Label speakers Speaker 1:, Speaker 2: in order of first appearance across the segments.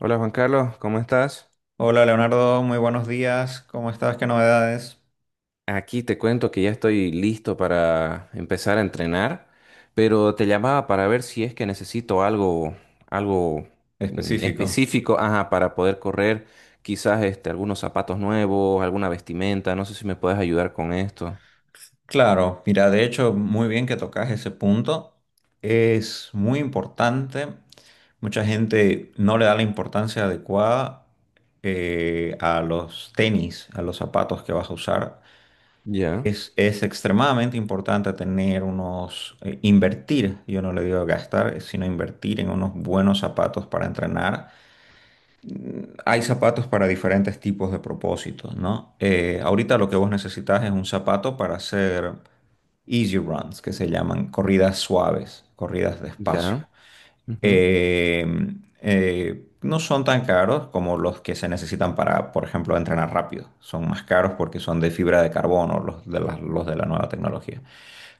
Speaker 1: Hola Juan Carlos, ¿cómo estás?
Speaker 2: Hola Leonardo, muy buenos días. ¿Cómo estás? ¿Qué novedades?
Speaker 1: Aquí te cuento que ya estoy listo para empezar a entrenar, pero te llamaba para ver si es que necesito algo, algo
Speaker 2: Específico.
Speaker 1: específico, ajá, para poder correr, quizás algunos zapatos nuevos, alguna vestimenta, no sé si me puedes ayudar con esto.
Speaker 2: Claro, mira, de hecho, muy bien que tocas ese punto. Es muy importante. Mucha gente no le da la importancia adecuada a los tenis, a los zapatos que vas a usar.
Speaker 1: Ya,
Speaker 2: Es extremadamente importante tener unos, invertir, yo no le digo gastar, sino invertir en unos buenos zapatos para entrenar. Hay zapatos para diferentes tipos de propósitos, ¿no? Ahorita lo que vos necesitas es un zapato para hacer easy runs, que se llaman corridas suaves, corridas despacio.
Speaker 1: ya, ujú.
Speaker 2: Eh, no son tan caros como los que se necesitan para, por ejemplo, entrenar rápido. Son más caros porque son de fibra de carbono, los de la nueva tecnología.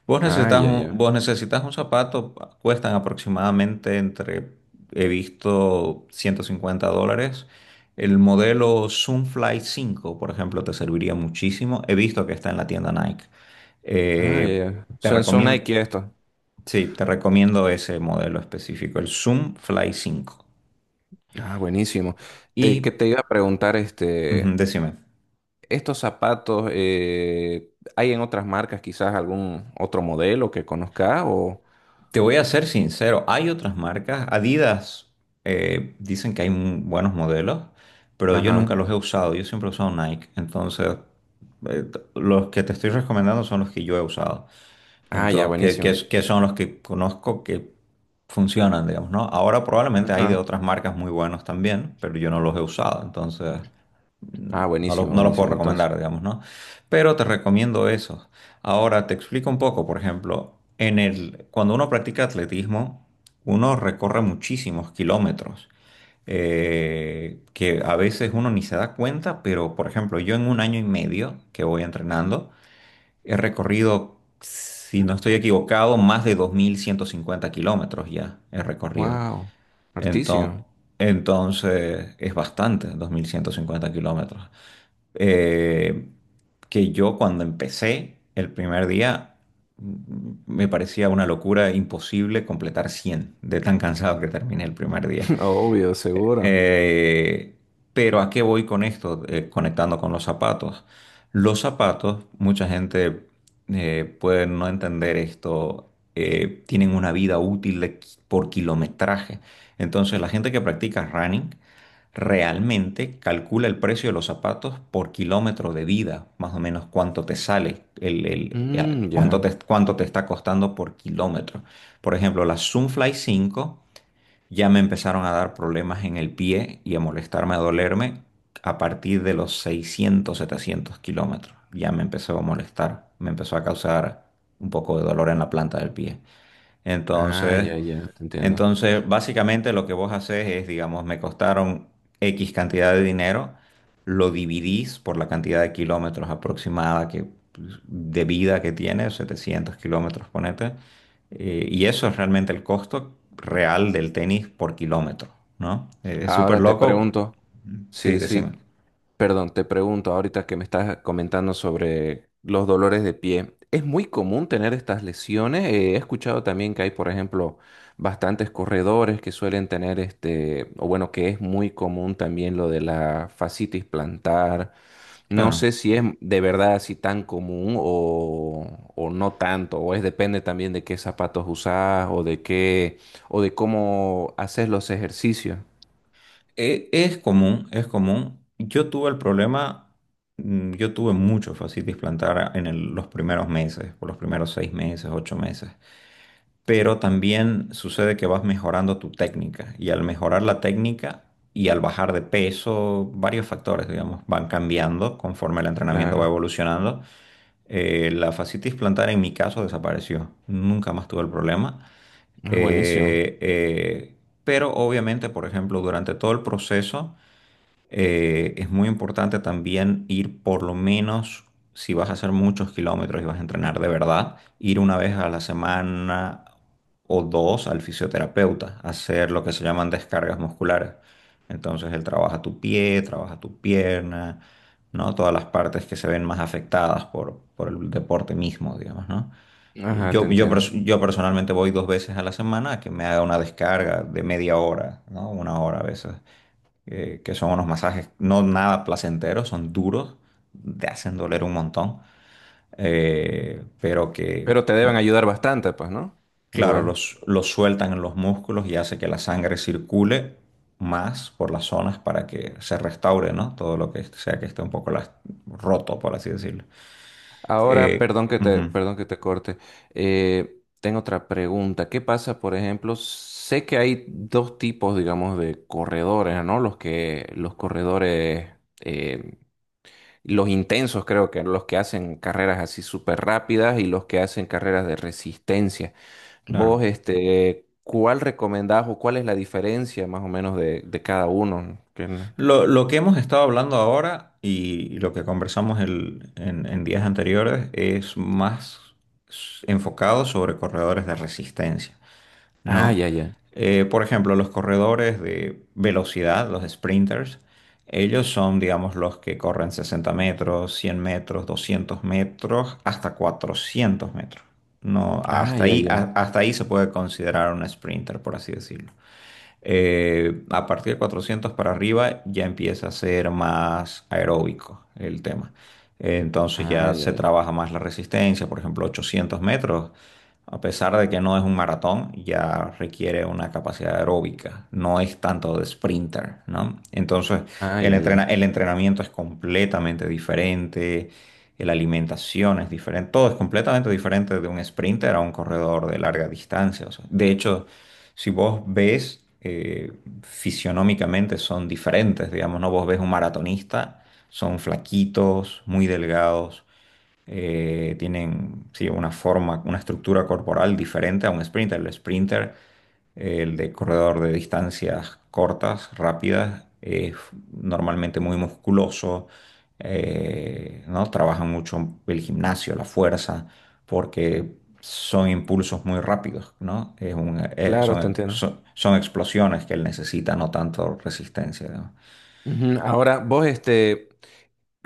Speaker 2: Vos
Speaker 1: Ah,
Speaker 2: necesitas
Speaker 1: ya,
Speaker 2: un,
Speaker 1: ya.
Speaker 2: vos necesitas un zapato, cuestan aproximadamente entre, he visto, $150. El modelo Zoomfly cinco por ejemplo, te serviría muchísimo. He visto que está en la tienda Nike.
Speaker 1: Ah, ya,
Speaker 2: Eh,
Speaker 1: ya.
Speaker 2: Te
Speaker 1: Son, son
Speaker 2: recomiendo,
Speaker 1: Nike esto.
Speaker 2: sí, te recomiendo ese modelo específico, el Zoomfly cinco.
Speaker 1: Ah, buenísimo. Te, que
Speaker 2: Y
Speaker 1: te iba a preguntar,
Speaker 2: decime.
Speaker 1: estos zapatos, ¿hay en otras marcas quizás algún otro modelo que conozca o...?
Speaker 2: Te voy a ser sincero, hay otras marcas. Adidas, dicen que hay buenos modelos, pero yo nunca
Speaker 1: Ajá.
Speaker 2: los he usado. Yo siempre he usado Nike. Entonces, los que te estoy recomendando son los que yo he usado.
Speaker 1: Ah, ya,
Speaker 2: Entonces, que, que
Speaker 1: buenísimo.
Speaker 2: es- que son los que conozco que funcionan, digamos, ¿no? Ahora probablemente hay de
Speaker 1: Ajá.
Speaker 2: otras marcas muy buenos también, pero yo no los he usado. Entonces.
Speaker 1: Ah, buenísimo,
Speaker 2: No los puedo
Speaker 1: buenísimo. Entonces,
Speaker 2: recomendar, digamos, ¿no? Pero te recomiendo eso. Ahora te explico un poco, por ejemplo, cuando uno practica atletismo, uno recorre muchísimos kilómetros, que a veces uno ni se da cuenta, pero por ejemplo, yo en un año y medio que voy entrenando, he recorrido, si no estoy equivocado, más de 2.150 kilómetros ya he recorrido.
Speaker 1: wow.
Speaker 2: Entonces,
Speaker 1: Artísimo.
Speaker 2: entonces es bastante, 2.150 kilómetros, eh, que yo cuando empecé el primer día me parecía una locura imposible completar 100 de tan cansado que terminé el primer día.
Speaker 1: Obvio, seguro.
Speaker 2: Eh, pero ¿a qué voy con esto? Conectando con los zapatos. Los zapatos, mucha gente puede no entender esto, tienen una vida útil de por kilometraje. Entonces, la gente que practica running realmente calcula el precio de los zapatos por kilómetro de vida, más o menos cuánto te sale,
Speaker 1: Mm, ya.
Speaker 2: cuánto te está costando por kilómetro. Por ejemplo, las Zoomfly 5 ya me empezaron a dar problemas en el pie y a molestarme, a dolerme a partir de los 600, 700 kilómetros. Ya me empezó a molestar, me empezó a causar un poco de dolor en la planta del pie.
Speaker 1: Ah,
Speaker 2: Entonces...
Speaker 1: ya, ya, te entiendo.
Speaker 2: Entonces, básicamente lo que vos haces es, digamos, me costaron X cantidad de dinero, lo dividís por la cantidad de kilómetros aproximada que, pues, de vida que tiene, 700 kilómetros, ponete, y eso es realmente el costo real del tenis por kilómetro, ¿no? Es súper
Speaker 1: Ahora te
Speaker 2: loco.
Speaker 1: pregunto.
Speaker 2: Sí,
Speaker 1: Sí, sí.
Speaker 2: decime.
Speaker 1: Perdón, te pregunto ahorita que me estás comentando sobre los dolores de pie. ¿Es muy común tener estas lesiones? He escuchado también que hay, por ejemplo, bastantes corredores que suelen tener o bueno, que es muy común también lo de la fascitis plantar. No
Speaker 2: Claro.
Speaker 1: sé si es de verdad así tan común o no tanto, o es depende también de qué zapatos usás o de qué, o de cómo haces los ejercicios.
Speaker 2: Es común, es común. Yo tuve el problema, yo tuve mucho fascitis plantar en los primeros meses, por los primeros 6 meses, 8 meses. Pero también sucede que vas mejorando tu técnica y al mejorar la técnica y al bajar de peso, varios factores, digamos, van cambiando conforme el entrenamiento va
Speaker 1: Claro.
Speaker 2: evolucionando. La fascitis plantar en mi caso desapareció. Nunca más tuve el problema.
Speaker 1: Ah, buenísimo.
Speaker 2: Eh, eh, pero obviamente, por ejemplo, durante todo el proceso es muy importante también ir por lo menos, si vas a hacer muchos kilómetros y vas a entrenar de verdad, ir una vez a la semana o dos al fisioterapeuta, a hacer lo que se llaman descargas musculares. Entonces él trabaja tu pie, trabaja tu pierna, ¿no? Todas las partes que se ven más afectadas por el deporte mismo, digamos, ¿no? Y
Speaker 1: Ajá, te entiendo.
Speaker 2: Yo personalmente voy dos veces a la semana a que me haga una descarga de media hora, ¿no? Una hora a veces, que son unos masajes no nada placenteros, son duros, te hacen doler un montón, eh, pero que,
Speaker 1: Pero te deben
Speaker 2: como-
Speaker 1: ayudar bastante, pues, ¿no?
Speaker 2: claro,
Speaker 1: Igual.
Speaker 2: los sueltan en los músculos y hace que la sangre circule más por las zonas para que se restaure, ¿no? Todo lo que sea que esté un poco roto, por así decirlo.
Speaker 1: Ahora,
Speaker 2: Eh, ujú,
Speaker 1: perdón que te corte. Tengo otra pregunta. ¿Qué pasa, por ejemplo? Sé que hay dos tipos, digamos, de corredores, ¿no? Los que, los corredores, eh, los intensos, creo que los que hacen carreras así súper rápidas y los que hacen carreras de resistencia. Vos,
Speaker 2: claro.
Speaker 1: ¿cuál recomendás o cuál es la diferencia más o menos de cada uno? Que no-
Speaker 2: Lo que hemos estado hablando ahora y lo que conversamos en días anteriores es más enfocado sobre corredores de resistencia,
Speaker 1: Ah,
Speaker 2: ¿no?
Speaker 1: ya, ya.
Speaker 2: Por ejemplo, los corredores de velocidad, los sprinters, ellos son, digamos, los que corren 60 metros, 100 metros, 200 metros, hasta 400 metros. No,
Speaker 1: Ah,
Speaker 2: hasta
Speaker 1: ya,
Speaker 2: ahí,
Speaker 1: ya.
Speaker 2: hasta ahí se puede considerar un sprinter, por así decirlo. A partir de 400 para arriba ya empieza a ser más aeróbico el tema. Entonces
Speaker 1: Ah,
Speaker 2: ya
Speaker 1: ya,
Speaker 2: se
Speaker 1: ya.
Speaker 2: trabaja más la resistencia, por ejemplo, 800 metros, a pesar de que no es un maratón, ya requiere una capacidad aeróbica, no es tanto de sprinter, ¿no? Entonces
Speaker 1: Ah, ya, ya.
Speaker 2: el entrenamiento es completamente diferente. La alimentación es diferente, todo es completamente diferente de un sprinter a un corredor de larga distancia. O sea, de hecho, si vos ves, fisionómicamente son diferentes, digamos, ¿no? Vos ves un maratonista, son flaquitos, muy delgados, tienen, sí, una forma, una estructura corporal diferente a un sprinter. El sprinter, el de corredor de distancias cortas, rápidas, es normalmente muy musculoso, ¿no? Trabajan mucho el gimnasio, la fuerza, porque son impulsos muy rápidos, ¿no? Es un-
Speaker 1: Claro, te
Speaker 2: son,
Speaker 1: entiendo.
Speaker 2: son- son explosiones que él necesita, no tanto resistencia, ¿no?
Speaker 1: Ujú. Ahora, vos,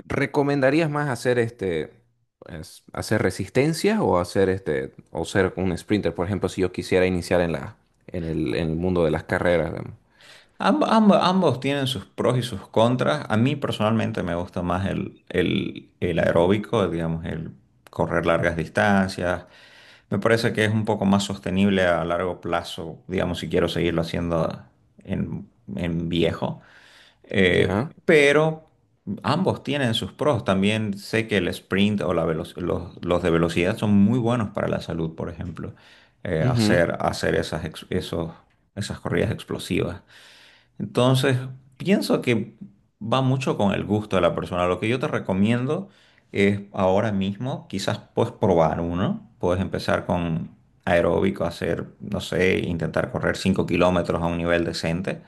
Speaker 1: ¿recomendarías más hacer pues, hacer resistencia o hacer o ser un sprinter, por ejemplo, si yo quisiera iniciar en la, en el mundo de las carreras, digamos?
Speaker 2: Ambos tienen sus pros y sus contras. A mí personalmente me gusta más el aeróbico, digamos, el correr largas distancias. Me parece que es un poco más sostenible a largo plazo, digamos, si quiero seguirlo haciendo en, en viejo.
Speaker 1: Ya.
Speaker 2: Pero ambos tienen sus pros. También sé que el sprint o los de velocidad son muy buenos para la salud, por ejemplo.
Speaker 1: Ujú,
Speaker 2: Hacer esas corridas explosivas. Entonces, pienso que va mucho con el gusto de la persona. Lo que yo te recomiendo es ahora mismo, quizás puedes probar uno, puedes empezar con aeróbico, hacer, no sé, intentar correr 5 kilómetros a un nivel decente,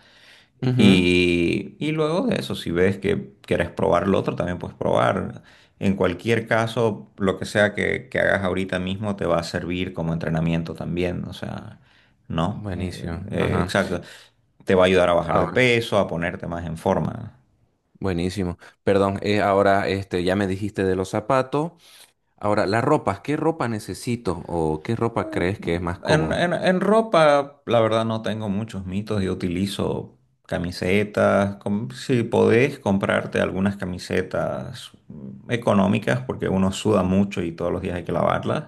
Speaker 1: ujú.
Speaker 2: y luego de eso, si ves que quieres probar lo otro, también puedes probar. En cualquier caso, lo que sea que hagas ahorita mismo te va a servir como entrenamiento también. O sea, ¿no?
Speaker 1: Buenísimo. Ajá.
Speaker 2: Exacto. Te va a ayudar a bajar de
Speaker 1: Ahora,
Speaker 2: peso, a ponerte más en forma.
Speaker 1: buenísimo. Perdón, ahora, ya me dijiste de los zapatos. Ahora, las ropas, ¿qué ropa necesito o qué ropa crees que es más cómodo?
Speaker 2: En ropa, la verdad, no tengo muchos mitos. Yo utilizo camisetas. Si podés comprarte algunas camisetas económicas, porque uno suda mucho y todos los días hay que lavarlas.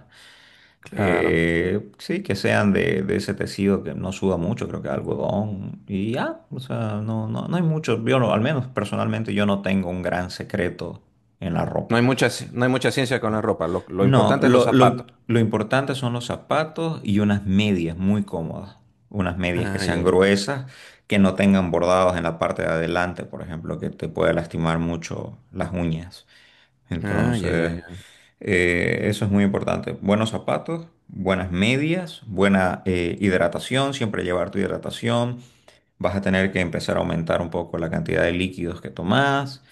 Speaker 1: Claro.
Speaker 2: Sí, que sean de ese tejido que no suda mucho, creo que algodón. Y ya, o sea, no, no, no hay mucho. Yo, no- Al menos personalmente, yo no tengo un gran secreto en la
Speaker 1: No hay
Speaker 2: ropa.
Speaker 1: mucha, ci- no hay mucha ciencia con la
Speaker 2: No,
Speaker 1: ropa. Lo
Speaker 2: no,
Speaker 1: importante es los zapatos.
Speaker 2: lo importante son los zapatos y unas medias muy cómodas. Unas medias que
Speaker 1: Ay,
Speaker 2: sean
Speaker 1: ay,
Speaker 2: gruesas, que no tengan bordados en la parte de adelante, por ejemplo, que te puede lastimar mucho las uñas.
Speaker 1: ay, ay,
Speaker 2: Entonces,
Speaker 1: ay, ay.
Speaker 2: eso es muy importante. Buenos zapatos, buenas medias, buena hidratación, siempre llevar tu hidratación. Vas a tener que empezar a aumentar un poco la cantidad de líquidos que tomás.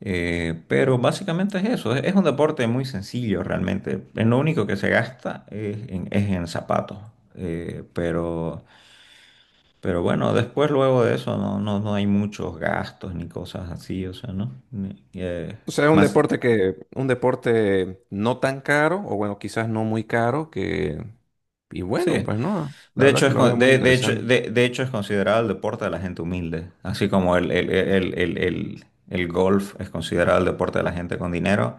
Speaker 2: Pero básicamente es eso, es un deporte muy sencillo realmente. En lo único que se gasta es en zapatos. eh, pero, pero bueno, después luego de eso no, no, no hay muchos gastos ni cosas así, o sea, ¿no?
Speaker 1: O sea, es un
Speaker 2: Más,
Speaker 1: deporte que, un deporte no tan caro, o bueno, quizás no muy caro, que, y bueno,
Speaker 2: sí.
Speaker 1: pues no, la
Speaker 2: De
Speaker 1: verdad
Speaker 2: hecho,
Speaker 1: que lo veo muy
Speaker 2: de hecho,
Speaker 1: interesante
Speaker 2: de hecho, es considerado el deporte de la gente humilde, así como el golf es considerado el deporte de la gente con dinero,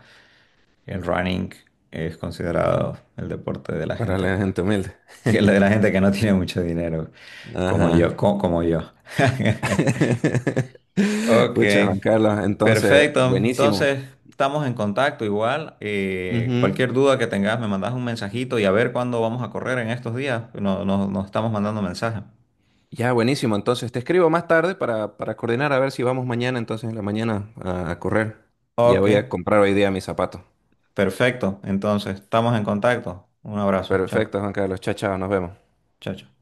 Speaker 2: el running es considerado el deporte de la
Speaker 1: para
Speaker 2: gente,
Speaker 1: la gente humilde.
Speaker 2: de la gente que no tiene mucho dinero, como yo,
Speaker 1: Ajá.
Speaker 2: como yo. Ok,
Speaker 1: Pucha, Juan Carlos, entonces,
Speaker 2: perfecto.
Speaker 1: buenísimo.
Speaker 2: Entonces, estamos en contacto igual.
Speaker 1: Ujú.
Speaker 2: Cualquier duda que tengas, me mandas un mensajito y a ver cuándo vamos a correr en estos días. Nos estamos mandando mensajes.
Speaker 1: Ya, buenísimo. Entonces te escribo más tarde para coordinar a ver si vamos mañana, entonces en la mañana a correr. Ya
Speaker 2: Ok.
Speaker 1: voy a comprar hoy día mis zapatos.
Speaker 2: Perfecto, entonces estamos en contacto. Un abrazo, chao,
Speaker 1: Perfecto, Juan Carlos. Chao, chao, nos vemos.
Speaker 2: chao, chao.